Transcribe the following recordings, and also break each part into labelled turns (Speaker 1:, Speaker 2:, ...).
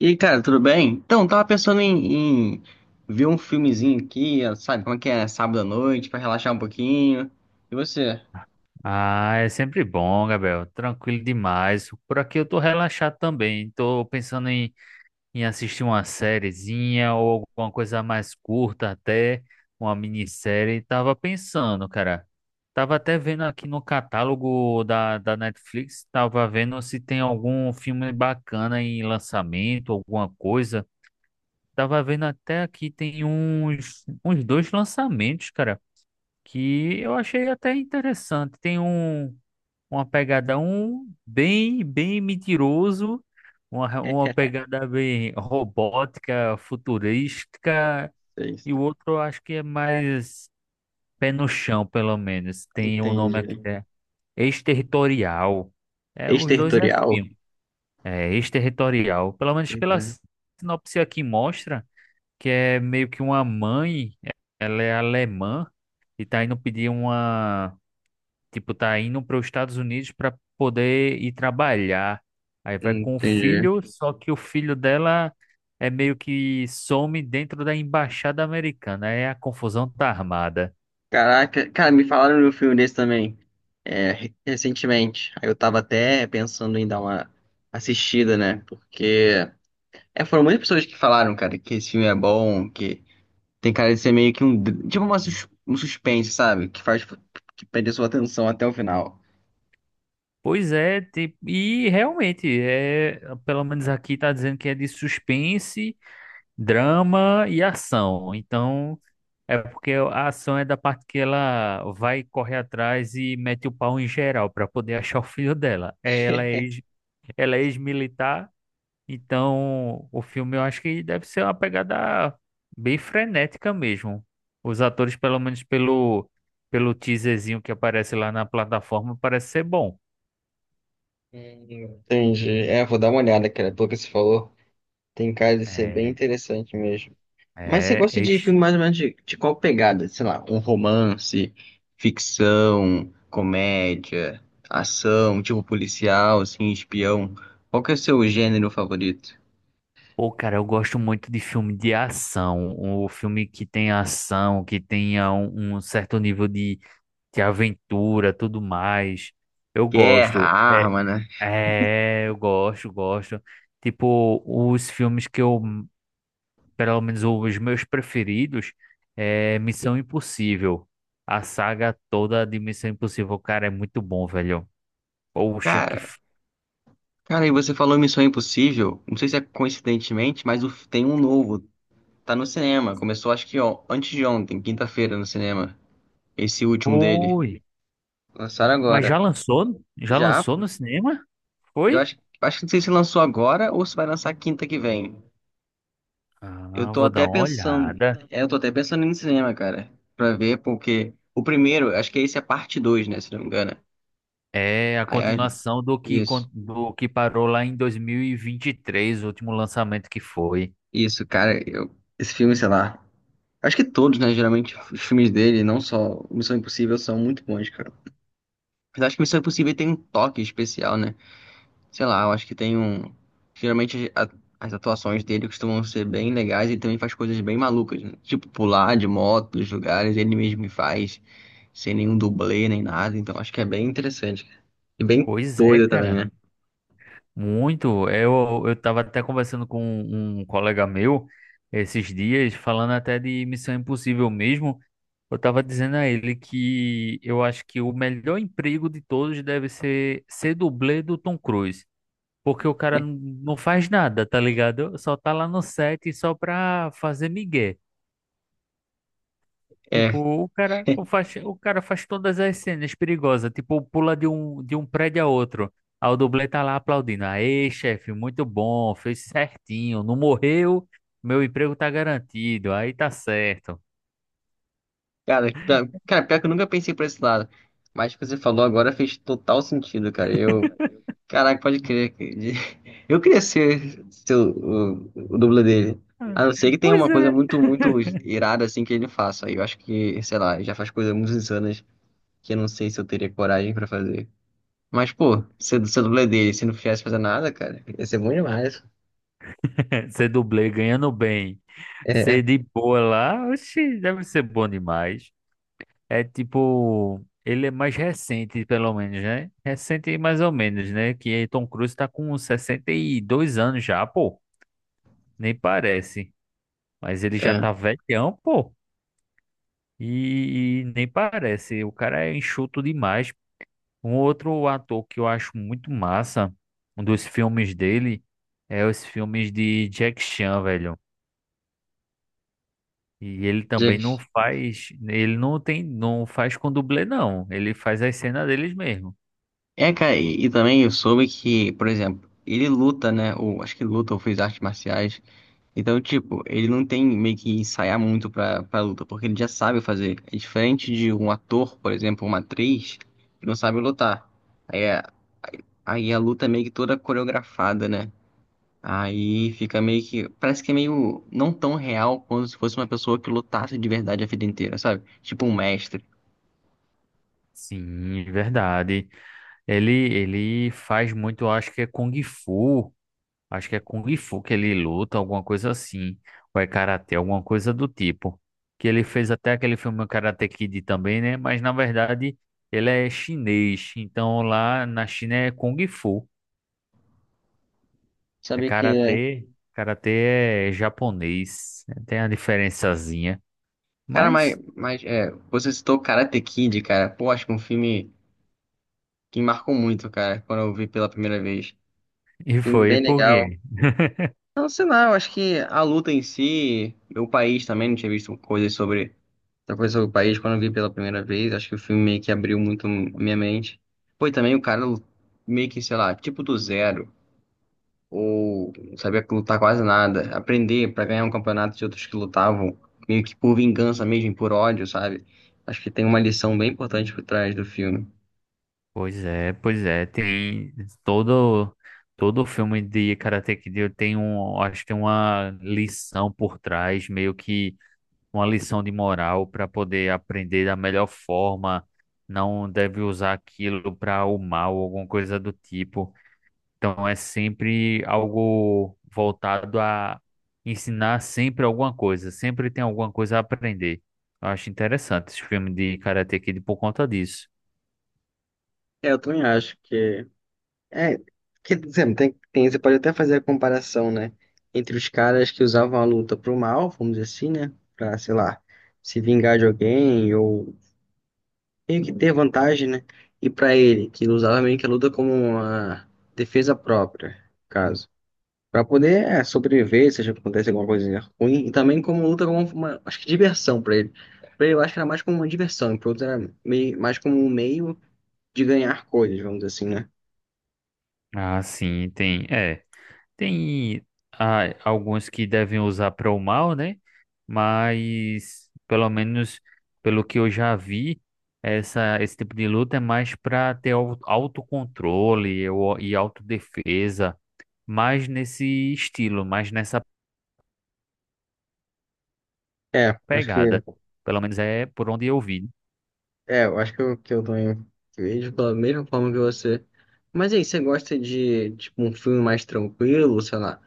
Speaker 1: E aí, cara, tudo bem? Então, tava pensando em ver um filmezinho aqui, sabe? Como é que é? Sábado à noite, pra relaxar um pouquinho. E você?
Speaker 2: Ah, é sempre bom, Gabriel. Tranquilo demais. Por aqui eu tô relaxado também. Tô pensando em, assistir uma sériezinha ou alguma coisa mais curta até, uma minissérie. Tava pensando, cara. Tava até vendo aqui no catálogo da Netflix, tava vendo se tem algum filme bacana em lançamento, alguma coisa. Tava vendo até aqui tem uns dois lançamentos, cara, que eu achei até interessante. Tem uma pegada um bem, bem mentiroso, uma pegada bem robótica, futurística,
Speaker 1: É
Speaker 2: e o
Speaker 1: isso.
Speaker 2: outro eu acho que é mais pé no chão, pelo menos. Tem o nome aqui,
Speaker 1: Entendi.
Speaker 2: é Exterritorial. É, os dois é
Speaker 1: Exterritorial?
Speaker 2: filme. É Exterritorial. Pelo menos pela
Speaker 1: Entendi.
Speaker 2: sinopse aqui mostra que é meio que uma mãe, ela é alemã e tá indo pedir uma. Tipo, tá indo para os Estados Unidos para poder ir trabalhar. Aí vai com o
Speaker 1: Entendi.
Speaker 2: filho, só que o filho dela é meio que some dentro da embaixada americana. Aí a confusão tá armada.
Speaker 1: Caraca, cara, me falaram de um filme desse também, re- recentemente. Aí eu tava até pensando em dar uma assistida, né? Porque foram muitas pessoas que falaram, cara, que esse filme é bom. Tem cara de ser meio que um tipo uma um suspense, sabe? Que faz que perde a sua atenção até o final.
Speaker 2: Pois é, tipo, e realmente é, pelo menos aqui tá dizendo que é de suspense, drama e ação. Então, é porque a ação é da parte que ela vai correr atrás e mete o pau em geral para poder achar o filho dela. É. Ela é ex-militar. Então, o filme eu acho que deve ser uma pegada bem frenética mesmo. Os atores, pelo menos pelo, pelo teaserzinho que aparece lá na plataforma, parece ser bom.
Speaker 1: Hum. Entendi. É, vou dar uma olhada, cara. Pelo que você falou, tem cara de ser bem
Speaker 2: É,
Speaker 1: interessante mesmo. Mas você
Speaker 2: é,
Speaker 1: gosta
Speaker 2: é.
Speaker 1: de filme mais ou menos de, qual pegada? Sei lá, um romance, ficção, comédia, ação, tipo policial, assim, espião. Qual que é o seu gênero favorito?
Speaker 2: Pô, cara, eu gosto muito de filme de ação. O filme que tem ação, que tenha um, um certo nível de aventura, tudo mais. Eu
Speaker 1: Guerra,
Speaker 2: gosto. É,
Speaker 1: arma, né?
Speaker 2: é, eu gosto, gosto. Tipo, os filmes que eu, pelo menos os meus preferidos, é Missão Impossível. A saga toda de Missão Impossível, cara, é muito bom, velho. Poxa, que
Speaker 1: Cara. Cara, e você falou Missão Impossível, não sei se é coincidentemente, mas tem um novo, tá no cinema, começou acho que ó, antes de ontem, quinta-feira no cinema, esse último dele.
Speaker 2: foi.
Speaker 1: Lançaram
Speaker 2: Mas já
Speaker 1: agora.
Speaker 2: lançou? Já
Speaker 1: Já,
Speaker 2: lançou no cinema?
Speaker 1: eu
Speaker 2: Foi?
Speaker 1: acho, acho que não sei se lançou agora ou se vai lançar quinta que vem. Eu
Speaker 2: Ah,
Speaker 1: tô
Speaker 2: vou
Speaker 1: até
Speaker 2: dar uma
Speaker 1: pensando,
Speaker 2: olhada.
Speaker 1: eu tô até pensando em ir no cinema, cara, pra ver, porque o primeiro, acho que esse é parte 2, né, se não me engano.
Speaker 2: É a
Speaker 1: Aí, aí-
Speaker 2: continuação do que,
Speaker 1: isso,
Speaker 2: do que parou lá em dois mil e vinte e três o último lançamento que foi.
Speaker 1: isso, cara, eu, esse filme, sei lá. Acho que todos, né? Geralmente os filmes dele, não só Missão Impossível, são muito bons, cara. Mas acho que Missão Impossível tem um toque especial, né? Sei lá, eu acho que tem um. Geralmente as atuações dele costumam ser bem legais e ele também faz coisas bem malucas, né? Tipo pular de moto dos lugares, ele mesmo faz, sem nenhum dublê nem nada. Então acho que é bem interessante. E bem
Speaker 2: Pois é,
Speaker 1: doida também,
Speaker 2: cara.
Speaker 1: né?
Speaker 2: Muito. Eu tava até conversando com um colega meu esses dias, falando até de Missão Impossível mesmo. Eu tava dizendo a ele que eu acho que o melhor emprego de todos deve ser ser dublê do Tom Cruise. Porque o cara não faz nada, tá ligado? Só tá lá no set só pra fazer migué.
Speaker 1: É.
Speaker 2: Tipo, o cara faz todas as cenas perigosas, tipo, pula de um prédio a outro. Aí o dublê tá lá aplaudindo. Aê, chefe, muito bom, fez certinho, não morreu, meu emprego tá garantido, aí tá certo.
Speaker 1: Cara, cara, pior que eu nunca pensei por esse lado. Mas o que você falou agora fez total sentido, cara. Eu. Caraca, pode crer. Eu queria ser, ser o dublê dele.
Speaker 2: Ah,
Speaker 1: A não ser que tenha
Speaker 2: pois
Speaker 1: uma coisa
Speaker 2: é.
Speaker 1: muito, muito irada assim que ele faça. Aí eu acho que, sei lá, ele já faz coisas muito insanas que eu não sei se eu teria coragem pra fazer. Mas, pô, ser, ser dublê dele, se não fizesse fazer nada, cara, ia ser bom demais.
Speaker 2: Ser dublê ganhando bem,
Speaker 1: É,
Speaker 2: ser de boa lá, oxi, deve ser bom demais. É tipo, ele é mais recente, pelo menos, né? Recente mais ou menos, né? Que Tom Cruise tá com 62 anos já, pô. Nem parece. Mas ele já
Speaker 1: é.
Speaker 2: tá velhão, pô. E nem parece. O cara é enxuto demais. Um outro ator que eu acho muito massa, um dos filmes dele, é os filmes de Jack Chan, velho. E ele também não
Speaker 1: Gente.
Speaker 2: faz, ele não tem, não faz com dublê, não. Ele faz as cenas deles mesmo.
Speaker 1: É, cara, e também eu soube que, por exemplo, ele luta, né? Ou acho que luta ou fez artes marciais. Então, tipo, ele não tem meio que ensaiar muito pra luta, porque ele já sabe fazer. É diferente de um ator, por exemplo, uma atriz, que não sabe lutar. Aí, a- aí a luta é meio que toda coreografada, né? Aí fica meio que. Parece que é meio não tão real quanto se fosse uma pessoa que lutasse de verdade a vida inteira, sabe? Tipo um mestre.
Speaker 2: Sim, verdade. Ele faz muito, eu acho que é Kung Fu. Acho que é Kung Fu que ele luta, alguma coisa assim. Ou é Karatê, alguma coisa do tipo. Que ele fez até aquele filme Karate Kid também, né? Mas na verdade ele é chinês. Então lá na China é Kung Fu. É
Speaker 1: Sabia que é.
Speaker 2: Karatê. Karatê é japonês. Tem a diferençazinha.
Speaker 1: Cara, mas,
Speaker 2: Mas,
Speaker 1: mas é, você citou Karate Kid, cara. Pô, acho que é um filme que me marcou muito, cara, quando eu vi pela primeira vez.
Speaker 2: e
Speaker 1: Filme
Speaker 2: foi
Speaker 1: bem
Speaker 2: por
Speaker 1: legal.
Speaker 2: quê?
Speaker 1: Não sei lá, eu acho que a luta em si, meu país também, não tinha visto coisas sobre, outra coisa sobre o país quando eu vi pela primeira vez, acho que o filme meio que abriu muito a minha mente. Foi também o cara meio que, sei lá, tipo do zero, ou não sabia lutar quase nada, aprender pra ganhar um campeonato de outros que lutavam, meio que por vingança mesmo, por ódio, sabe? Acho que tem uma lição bem importante por trás do filme.
Speaker 2: Pois é, pois é. Tem todo. Todo filme de Karate Kid tem um, acho que tem uma lição por trás, meio que uma lição de moral para poder aprender da melhor forma. Não deve usar aquilo para o mal, alguma coisa do tipo. Então é sempre algo voltado a ensinar sempre alguma coisa, sempre tem alguma coisa a aprender. Eu acho interessante esse filme de Karate Kid por conta disso.
Speaker 1: É, eu também acho que é, que exemplo, tem, você pode até fazer a comparação, né? Entre os caras que usavam a luta pro mal, vamos dizer assim, né? Pra, sei lá, se vingar de alguém ou meio que ter vantagem, né? E pra ele, que usava meio que a luta como uma defesa própria, no caso. Pra poder é, sobreviver, seja que aconteça alguma coisa ruim, e também como luta como uma, acho que diversão pra ele. Pra ele, eu acho que era mais como uma diversão, e pro outro era meio, mais como um meio de ganhar coisas, vamos dizer assim, né?
Speaker 2: Ah, sim, tem. É. Tem, ah, alguns que devem usar para o mal, né? Mas, pelo menos pelo que eu já vi, esse tipo de luta é mais para ter autocontrole e, e autodefesa, mais nesse estilo, mais nessa
Speaker 1: É, acho que.
Speaker 2: pegada. Pelo menos é por onde eu vi.
Speaker 1: É, eu acho que eu também vejo pela mesma forma que você. Mas e aí, você gosta de, tipo, um filme mais tranquilo, sei lá,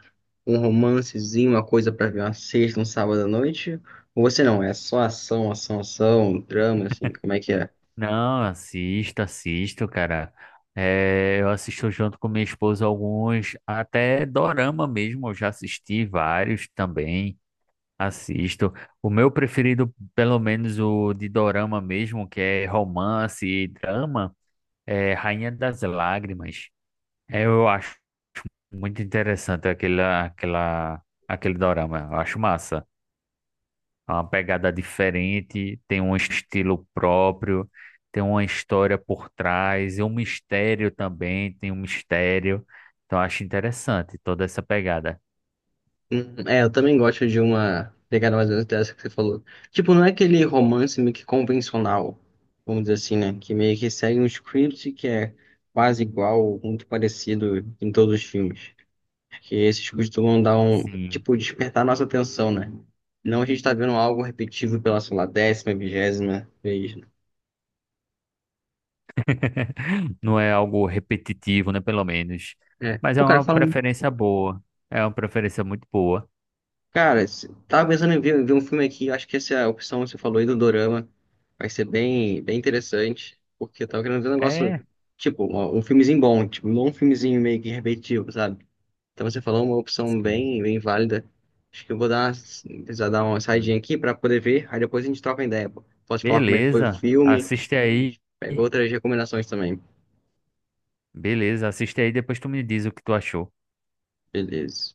Speaker 1: um romancezinho, uma coisa pra ver uma sexta, um sábado à noite? Ou você não, é só ação, ação, ação, um drama, assim, como é que é?
Speaker 2: Não, assisto, assisto, cara. É, eu assisto junto com minha esposa alguns, até dorama mesmo, eu já assisti vários também. Assisto. O meu preferido, pelo menos o de dorama mesmo, que é romance e drama, é Rainha das Lágrimas. É, eu acho muito interessante aquele dorama. Eu acho massa. É uma pegada diferente, tem um estilo próprio, tem uma história por trás, e um mistério também, tem um mistério. Então, eu acho interessante toda essa pegada.
Speaker 1: Hum. É, eu também gosto de uma pegada mais ou menos dessa que você falou. Tipo, não é aquele romance meio que convencional, vamos dizer assim, né? Que meio que segue um script que é quase igual, muito parecido em todos os filmes. Que esses costumam dar um,
Speaker 2: Sim.
Speaker 1: tipo, despertar nossa atenção, né? Não a gente tá vendo algo repetitivo pela, sei lá, décima, vigésima vez, né?
Speaker 2: Não é algo repetitivo, né? Pelo menos.
Speaker 1: É.
Speaker 2: Mas
Speaker 1: Pô,
Speaker 2: é
Speaker 1: cara,
Speaker 2: uma
Speaker 1: fala um...
Speaker 2: preferência boa. É uma preferência muito boa.
Speaker 1: Cara, tava pensando em ver, ver um filme aqui, acho que essa opção que você falou aí do Dorama vai ser bem, bem interessante, porque eu tava querendo ver um negócio,
Speaker 2: É,
Speaker 1: tipo, um filmezinho bom, tipo, não um filmezinho meio que repetitivo, sabe? Então você falou uma opção
Speaker 2: sim.
Speaker 1: bem, bem válida. Acho que eu vou dar uma, precisar dar uma
Speaker 2: Hum.
Speaker 1: saidinha aqui para poder ver, aí depois a gente troca ideia, pô. Posso te falar como é que foi o
Speaker 2: Beleza.
Speaker 1: filme,
Speaker 2: Assiste
Speaker 1: a
Speaker 2: aí.
Speaker 1: gente pega outras recomendações também.
Speaker 2: Beleza, assiste aí, depois tu me diz o que tu achou.
Speaker 1: Beleza.